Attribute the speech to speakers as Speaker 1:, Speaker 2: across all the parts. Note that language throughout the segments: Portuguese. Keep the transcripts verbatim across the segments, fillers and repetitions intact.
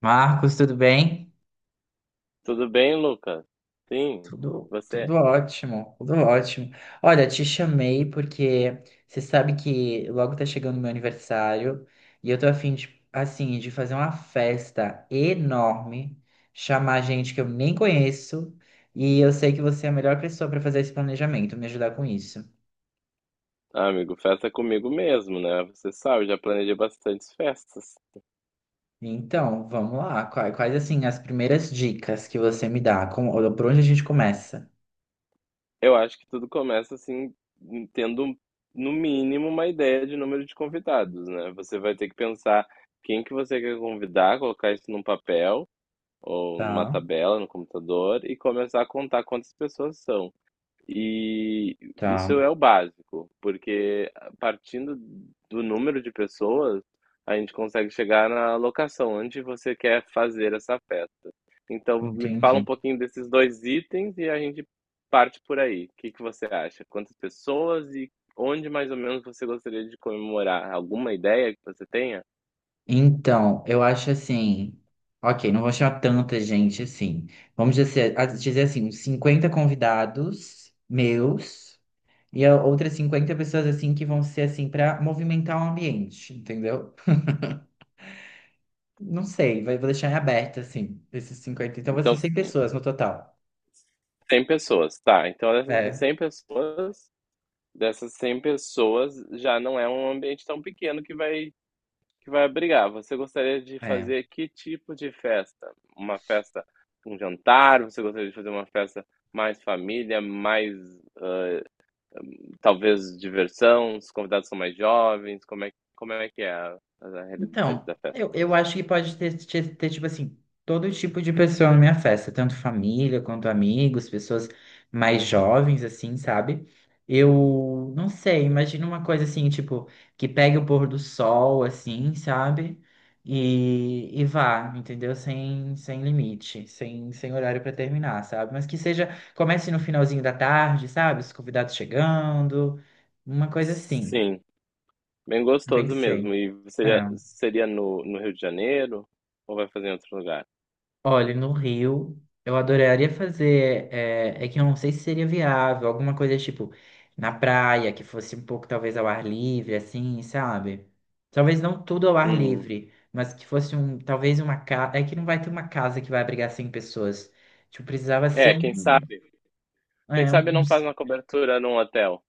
Speaker 1: Marcos, tudo bem?
Speaker 2: Tudo bem, Lucas? Sim,
Speaker 1: Tudo, tudo
Speaker 2: você?
Speaker 1: ótimo, tudo ótimo. Olha, te chamei porque você sabe que logo tá chegando o meu aniversário e eu tô a fim de, assim, de fazer uma festa enorme, chamar gente que eu nem conheço e eu sei que você é a melhor pessoa para fazer esse planejamento, me ajudar com isso.
Speaker 2: Ah, amigo, festa é comigo mesmo, né? Você sabe, já planejei bastantes festas.
Speaker 1: Então, vamos lá. Quais, quais assim, as primeiras dicas que você me dá? Como, por onde a gente começa?
Speaker 2: Eu acho que tudo começa assim, tendo no mínimo uma ideia de número de convidados, né? Você vai ter que pensar quem que você quer convidar, colocar isso num papel ou numa
Speaker 1: Tá,
Speaker 2: tabela no computador e começar a contar quantas pessoas são. E isso
Speaker 1: tá,
Speaker 2: é o básico, porque partindo do número de pessoas, a gente consegue chegar na locação onde você quer fazer essa festa. Então, me fala um
Speaker 1: entendi.
Speaker 2: pouquinho desses dois itens e a gente parte por aí. O que que você acha? Quantas pessoas e onde mais ou menos você gostaria de comemorar? Alguma ideia que você tenha?
Speaker 1: Então, eu acho assim. Ok, não vou chamar tanta gente assim. Vamos dizer, a- dizer assim, uns cinquenta convidados meus e a- outras cinquenta pessoas assim que vão ser assim para movimentar o ambiente, entendeu? Não sei, vai- vou deixar em aberto assim, esses cinquenta. Então, vão ser
Speaker 2: Então,
Speaker 1: cem pessoas no total.
Speaker 2: cem pessoas, tá. Então, dessas
Speaker 1: É,
Speaker 2: cem pessoas, dessas cem pessoas, já não é um ambiente tão pequeno que vai que vai abrigar. Você gostaria de
Speaker 1: é.
Speaker 2: fazer que tipo de festa? Uma festa, um jantar? Você gostaria de fazer uma festa mais família, mais talvez diversão? Os convidados são mais jovens? Como é, como é que é a, a realidade
Speaker 1: Então,
Speaker 2: da festa
Speaker 1: eu,
Speaker 2: para
Speaker 1: eu
Speaker 2: você?
Speaker 1: acho que pode ter, ter, ter, tipo assim, todo tipo de pessoa na minha festa, tanto família quanto amigos, pessoas mais jovens, assim, sabe? Eu não sei, imagino uma coisa assim, tipo, que pegue o pôr do sol, assim, sabe? E, e vá, entendeu? Sem, sem limite, sem, sem horário pra terminar, sabe? Mas que seja, comece no finalzinho da tarde, sabe? Os convidados chegando, uma coisa assim,
Speaker 2: Sim, bem gostoso
Speaker 1: pensei.
Speaker 2: mesmo. E seria,
Speaker 1: É.
Speaker 2: seria no, no Rio de Janeiro ou vai fazer em outro lugar?
Speaker 1: Olha, no Rio, eu adoraria fazer. É, é que eu não sei se seria viável, alguma coisa tipo na praia, que fosse um pouco talvez ao ar livre, assim, sabe? Talvez não tudo ao ar
Speaker 2: Hum.
Speaker 1: livre, mas que fosse um. Talvez uma casa. É que não vai ter uma casa que vai abrigar cem pessoas. Tipo, precisava ser
Speaker 2: É,
Speaker 1: um.
Speaker 2: quem sabe? Quem
Speaker 1: É, um.
Speaker 2: sabe
Speaker 1: um-
Speaker 2: não faz uma cobertura num hotel,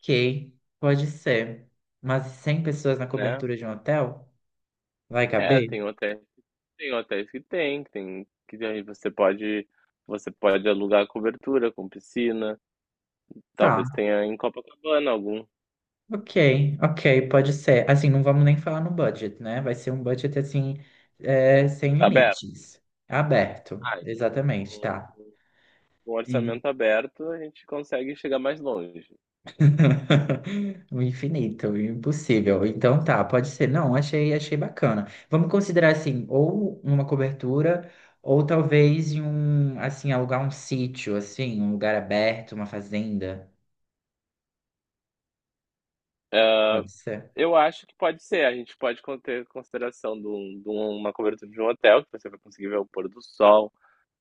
Speaker 1: Ok, pode ser. Mas cem pessoas na
Speaker 2: né?
Speaker 1: cobertura de um hotel? Vai
Speaker 2: É.
Speaker 1: caber?
Speaker 2: tem hotéis Tem hotéis que tem, que tem que aí você pode você pode alugar cobertura com piscina, talvez
Speaker 1: Tá?
Speaker 2: tenha em Copacabana algum.
Speaker 1: Ok, ok, pode ser. Assim, não vamos nem falar no budget, né? Vai ser um budget assim, é, sem
Speaker 2: Tá aberto?
Speaker 1: limites. Aberto,
Speaker 2: Ah, então
Speaker 1: exatamente,
Speaker 2: com
Speaker 1: tá.
Speaker 2: com com o
Speaker 1: Sim.
Speaker 2: orçamento aberto, a gente consegue chegar mais longe.
Speaker 1: O infinito, o impossível. Então tá, pode ser. Não, achei, achei bacana. Vamos considerar assim, ou uma cobertura, ou talvez em um, assim, alugar um sítio, assim, um lugar aberto, uma fazenda. Pode ser.
Speaker 2: Eu acho que pode ser, a gente pode con ter consideração de um de um- uma cobertura de um hotel, que você vai conseguir ver o pôr do sol,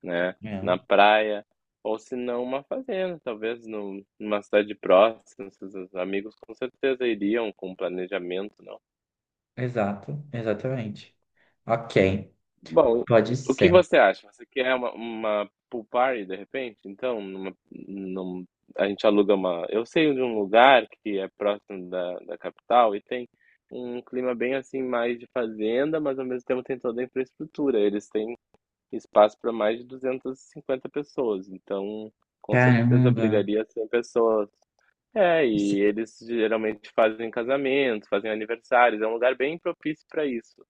Speaker 2: né,
Speaker 1: É,
Speaker 2: na praia, ou se não uma fazenda, talvez num numa cidade próxima, seus amigos com certeza iriam com planejamento, né.
Speaker 1: exato, exatamente. Ok,
Speaker 2: Bom,
Speaker 1: pode
Speaker 2: o que
Speaker 1: ser.
Speaker 2: você acha? Você quer uma, uma pool party de repente? Então, numa, num- a gente aluga uma. Eu sei de um lugar que é próximo da, da capital e tem um clima bem assim, mais de fazenda, mas ao mesmo tempo tem toda a infraestrutura. Eles têm espaço para mais de duzentas e cinquenta pessoas, então com certeza
Speaker 1: Caramba.
Speaker 2: abrigaria cem pessoas. É,
Speaker 1: Se,
Speaker 2: e eles geralmente fazem casamentos, fazem aniversários, é um lugar bem propício para isso.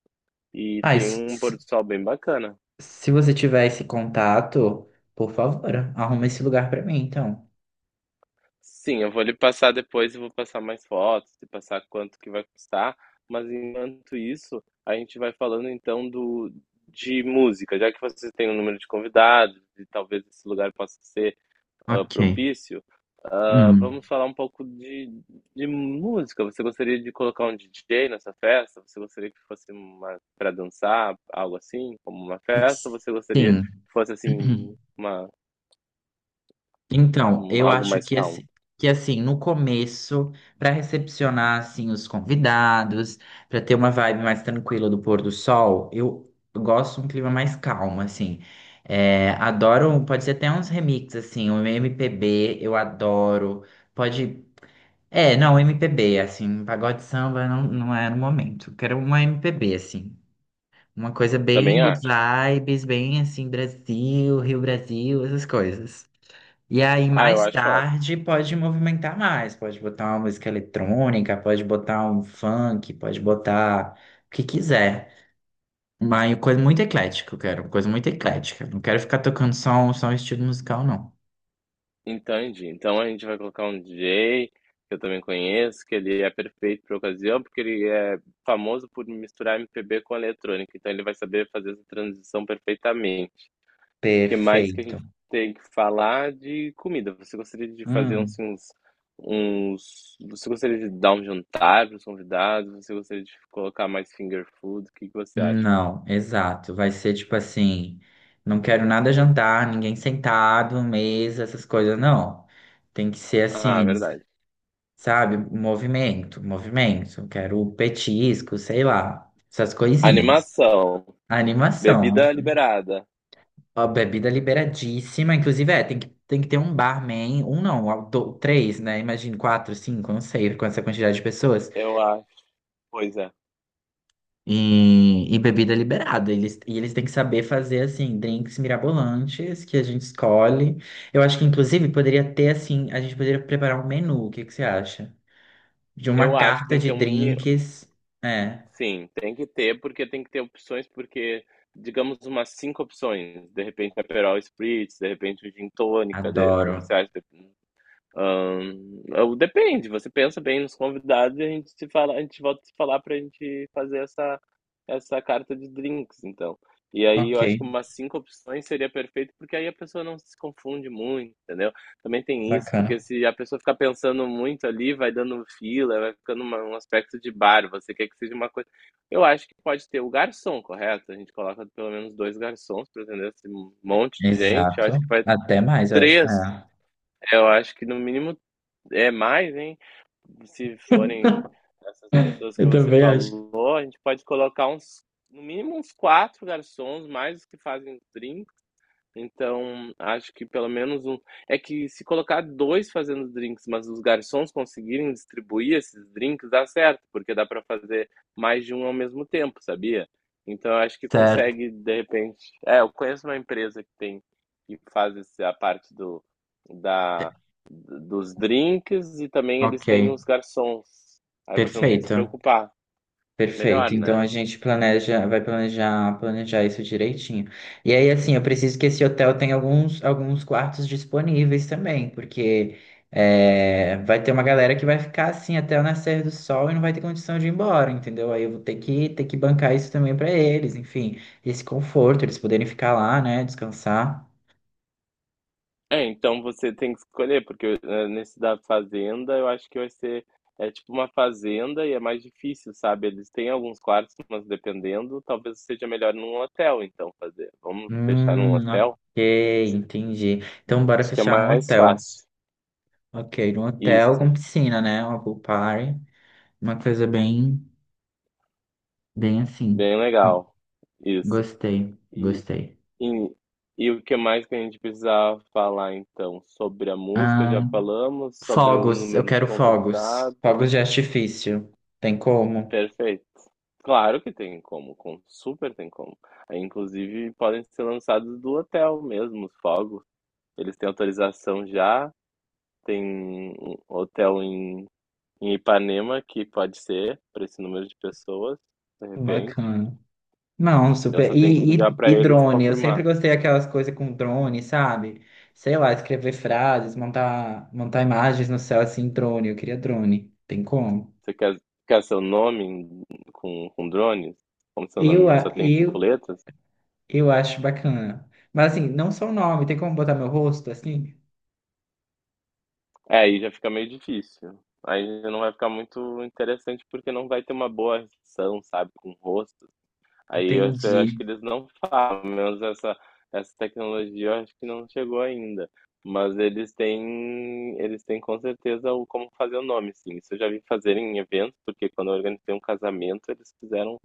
Speaker 2: E
Speaker 1: ai,
Speaker 2: tem
Speaker 1: se,
Speaker 2: um
Speaker 1: se,
Speaker 2: pôr do sol bem bacana.
Speaker 1: se você tiver esse contato, por favor, arruma esse lugar pra mim, então.
Speaker 2: Sim, eu vou lhe passar depois e vou passar mais fotos e passar quanto que vai custar. Mas enquanto isso, a gente vai falando então do de música, já que você tem um número de convidados e talvez esse lugar possa ser ah,
Speaker 1: Ok.
Speaker 2: propício. ah,
Speaker 1: Hum.
Speaker 2: vamos falar um pouco de, de música. Você gostaria de colocar um D J nessa festa? Você gostaria que fosse uma para dançar, algo assim, como uma festa? Ou você gostaria que
Speaker 1: Sim.
Speaker 2: fosse assim uma,
Speaker 1: Então,
Speaker 2: um-
Speaker 1: eu
Speaker 2: algo
Speaker 1: acho
Speaker 2: mais
Speaker 1: que
Speaker 2: calmo?
Speaker 1: assim, que assim, no começo, para recepcionar assim os convidados, para ter uma vibe mais tranquila do pôr do sol, eu gosto de um clima mais calmo, assim. É, adoro, pode ser até uns remixes assim, um M P B, eu adoro. Pode. É, não, M P B, assim, pagode samba não, não é no momento. Quero uma M P B, assim. Uma coisa bem
Speaker 2: Também
Speaker 1: good
Speaker 2: acho.
Speaker 1: vibes, bem assim, Brasil, Rio Brasil, essas coisas. E aí,
Speaker 2: Ah, eu
Speaker 1: mais
Speaker 2: acho ótimo.
Speaker 1: tarde, pode movimentar mais, pode botar uma música eletrônica, pode botar um funk, pode botar o que quiser. Mas coisa muito eclética, eu quero, uma coisa muito eclética. Não quero ficar tocando só um, só um estilo musical, não.
Speaker 2: Entende Então a gente vai colocar um D J que eu também conheço, que ele é perfeito para ocasião, porque ele é famoso por misturar M P B com eletrônica, então ele vai saber fazer essa transição perfeitamente. O que mais que a
Speaker 1: Perfeito.
Speaker 2: gente tem que falar de comida? Você gostaria de fazer uns, uns, uns- Você gostaria de dar um jantar para os convidados? Você gostaria de colocar mais finger food? O que que você acha?
Speaker 1: Não, exato. Vai ser tipo assim, não quero nada jantar, ninguém sentado, mesa, essas coisas, não. Tem que ser
Speaker 2: Ah,
Speaker 1: assim,
Speaker 2: verdade.
Speaker 1: sabe? Movimento, movimento. Quero petisco, sei lá, essas coisinhas.
Speaker 2: Animação,
Speaker 1: Animação,
Speaker 2: bebida liberada.
Speaker 1: a bebida liberadíssima, inclusive é, tem que, tem que ter um barman, um não, do- três, né? Imagina, quatro, cinco, não sei, com essa quantidade de pessoas.
Speaker 2: Eu acho, pois é.
Speaker 1: E, e bebida liberada. Eles, e eles têm que saber fazer, assim, drinks mirabolantes que a gente escolhe. Eu acho que, inclusive, poderia ter, assim, a gente poderia preparar um menu. O que que você acha? De uma
Speaker 2: Eu acho que
Speaker 1: carta
Speaker 2: tem que
Speaker 1: de
Speaker 2: ter um mini
Speaker 1: drinks. É,
Speaker 2: Sim, tem que ter, porque tem que ter opções, porque, digamos, umas cinco opções. De repente, um Aperol Spritz, de repente, um gin tônica, de, o que
Speaker 1: adoro.
Speaker 2: você acha? Hã, ou depende, você pensa bem nos convidados e a gente se fala, a gente volta a se falar pra gente fazer essa essa carta de drinks, então. E aí eu
Speaker 1: Ok,
Speaker 2: acho que umas cinco opções seria perfeito, porque aí a pessoa não se confunde muito, entendeu. Também tem isso, porque
Speaker 1: bacana.
Speaker 2: se a pessoa ficar pensando muito ali, vai dando fila, vai ficando uma um aspecto de bar, você quer que seja uma coisa eu acho que pode ter o garçom, correto? A gente coloca pelo menos dois garçons para atender esse monte de gente, eu acho
Speaker 1: Exato.
Speaker 2: que vai
Speaker 1: Até mais, eu acho.
Speaker 2: três,
Speaker 1: É.
Speaker 2: eu acho que no mínimo é mais, hein. Se forem essas pessoas que
Speaker 1: Eu
Speaker 2: você
Speaker 1: também acho.
Speaker 2: falou, a gente pode colocar uns no mínimo uns quatro garçons, mais os que fazem os drinks, então acho que pelo menos um é que se colocar dois fazendo os drinks, mas os garçons conseguirem distribuir esses drinks, dá certo, porque dá para fazer mais de um ao mesmo tempo, sabia. Então eu acho que
Speaker 1: Certo.
Speaker 2: consegue, de repente é, eu conheço uma empresa que tem que faz esse a parte do da dos drinks e também eles
Speaker 1: Ok,
Speaker 2: têm os garçons. Aí você não tem que se
Speaker 1: perfeito.
Speaker 2: preocupar. Melhor,
Speaker 1: Perfeito. Então
Speaker 2: né?
Speaker 1: a gente planeja, vai planejar, planejar isso direitinho. E aí, assim, eu preciso que esse hotel tenha alguns, alguns quartos disponíveis também, porque é, vai ter uma galera que vai ficar assim até o nascer do sol e não vai ter condição de ir embora, entendeu? Aí eu vou ter que ter que bancar isso também para eles, enfim, esse conforto, eles poderem ficar lá, né, descansar.
Speaker 2: É, então você tem que escolher, porque eh, nesse da fazenda eu acho que vai ser é tipo uma fazenda e é mais difícil, sabe? Eles têm alguns quartos, mas dependendo, talvez seja melhor num hotel, então fazer. Vamos deixar num
Speaker 1: Hum,
Speaker 2: hotel?
Speaker 1: ok, entendi. Então bora
Speaker 2: Acho que é
Speaker 1: fechar no
Speaker 2: mais
Speaker 1: hotel.
Speaker 2: fácil.
Speaker 1: Ok, no hotel
Speaker 2: Isso,
Speaker 1: com piscina, né? Uma pool party, uma coisa bem. Bem assim.
Speaker 2: bem legal. Isso.
Speaker 1: Gostei, gostei.
Speaker 2: E, e o que mais que a gente precisava falar então? Sobre a música, já
Speaker 1: Ahn,
Speaker 2: falamos, sobre o
Speaker 1: fogos, eu
Speaker 2: número de
Speaker 1: quero fogos. Fogos de
Speaker 2: convidados.
Speaker 1: artifício. Tem como?
Speaker 2: Perfeito. Claro que tem como, com, super tem como. Aí, inclusive, podem ser lançados do hotel mesmo, os fogos. Eles têm autorização já, tem um hotel em, em Ipanema que pode ser para esse número de pessoas, de repente.
Speaker 1: Bacana. Não,
Speaker 2: Eu só
Speaker 1: super.
Speaker 2: tenho que
Speaker 1: E,
Speaker 2: ligar
Speaker 1: e,
Speaker 2: para
Speaker 1: e
Speaker 2: eles e
Speaker 1: drone, eu sempre
Speaker 2: confirmar.
Speaker 1: gostei daquelas coisas com drone, sabe? Sei lá, escrever frases, montar, montar imagens no céu assim, drone. Eu queria drone. Tem como?
Speaker 2: Você quer, quer seu nome em- com, com drones? Como seu
Speaker 1: Eu,
Speaker 2: nome só
Speaker 1: a-
Speaker 2: tem cinco
Speaker 1: eu,
Speaker 2: letras?
Speaker 1: eu acho bacana. Mas assim, não só o nome, tem como botar meu rosto assim?
Speaker 2: É, aí já fica meio difícil. Aí não vai ficar muito interessante porque não vai ter uma boa ação, sabe, com o rosto. Aí eu, eu acho que
Speaker 1: Entendi.
Speaker 2: eles não falam, pelo menos essa, essa tecnologia eu acho que não chegou ainda. Mas eles têm, eles têm com certeza o como fazer o nome, sim. Isso eu já vi fazer em eventos, porque quando eu organizei um casamento, eles fizeram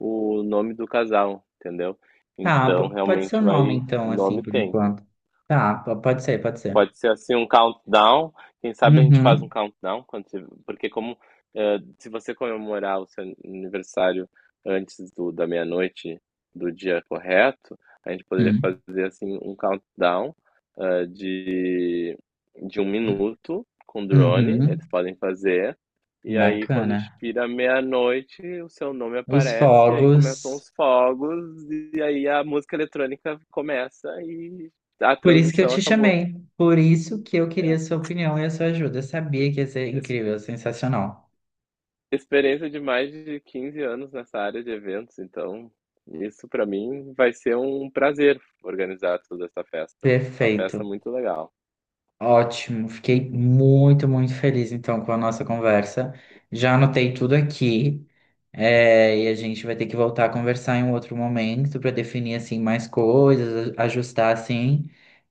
Speaker 2: o nome do casal, entendeu?
Speaker 1: Tá,
Speaker 2: Então
Speaker 1: po- pode ser o
Speaker 2: realmente
Speaker 1: nome
Speaker 2: vai,
Speaker 1: então, assim,
Speaker 2: nome
Speaker 1: por
Speaker 2: tem.
Speaker 1: enquanto. Tá, po- pode ser, pode ser.
Speaker 2: Pode ser assim um countdown. Quem sabe a gente faz um
Speaker 1: Uhum,
Speaker 2: countdown quando você- porque como eh, se você comemorar o seu aniversário antes do, da meia-noite do dia correto, a gente poderia
Speaker 1: hum,
Speaker 2: fazer assim um countdown eh, de de um minuto com drone.
Speaker 1: uhum.
Speaker 2: Eles podem fazer. E aí, quando
Speaker 1: Bacana.
Speaker 2: expira meia-noite, o seu nome
Speaker 1: Os
Speaker 2: aparece, e aí começam
Speaker 1: fogos.
Speaker 2: os fogos, e aí a música eletrônica começa e a
Speaker 1: Por isso que eu
Speaker 2: transição
Speaker 1: te
Speaker 2: acabou.
Speaker 1: chamei. Por isso que eu queria
Speaker 2: É,
Speaker 1: a sua opinião e a sua ajuda. Eu sabia que ia ser
Speaker 2: Ex
Speaker 1: incrível, sensacional.
Speaker 2: experiência de mais de quinze anos nessa área de eventos, então isso para mim vai ser um prazer organizar toda essa festa. Uma festa
Speaker 1: Perfeito.
Speaker 2: muito legal.
Speaker 1: Ótimo, fiquei muito, muito feliz então com a nossa conversa. Já anotei tudo aqui, é, e a gente vai ter que voltar a conversar em um outro momento para definir assim mais coisas, a- ajustar assim.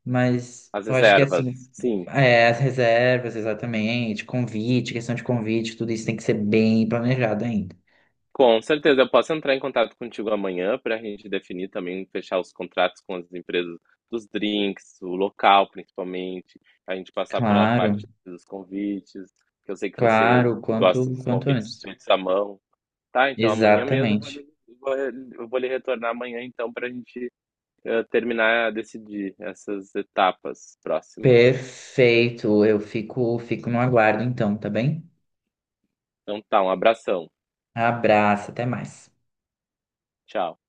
Speaker 1: Mas
Speaker 2: As
Speaker 1: eu acho que assim,
Speaker 2: reservas, sim,
Speaker 1: é, as reservas, exatamente, convite, questão de convite, tudo isso tem que ser bem planejado ainda.
Speaker 2: com certeza. Eu posso entrar em contato contigo amanhã para a gente definir também, fechar os contratos com as empresas dos drinks, o local principalmente, a gente passar pela
Speaker 1: Claro,
Speaker 2: parte dos convites, que eu sei que você
Speaker 1: claro, quanto
Speaker 2: gosta dos
Speaker 1: quanto
Speaker 2: convites
Speaker 1: antes.
Speaker 2: feitos à mão. Tá, então amanhã mesmo eu vou
Speaker 1: Exatamente.
Speaker 2: lhe, vou eu vou lhe retornar amanhã, então, para a gente eh, terminar a decidir essas etapas próximas.
Speaker 1: Perfeito. Eu fico fico no aguardo então, tá bem?
Speaker 2: Então tá, um abração.
Speaker 1: Abraço, até mais.
Speaker 2: Tchau.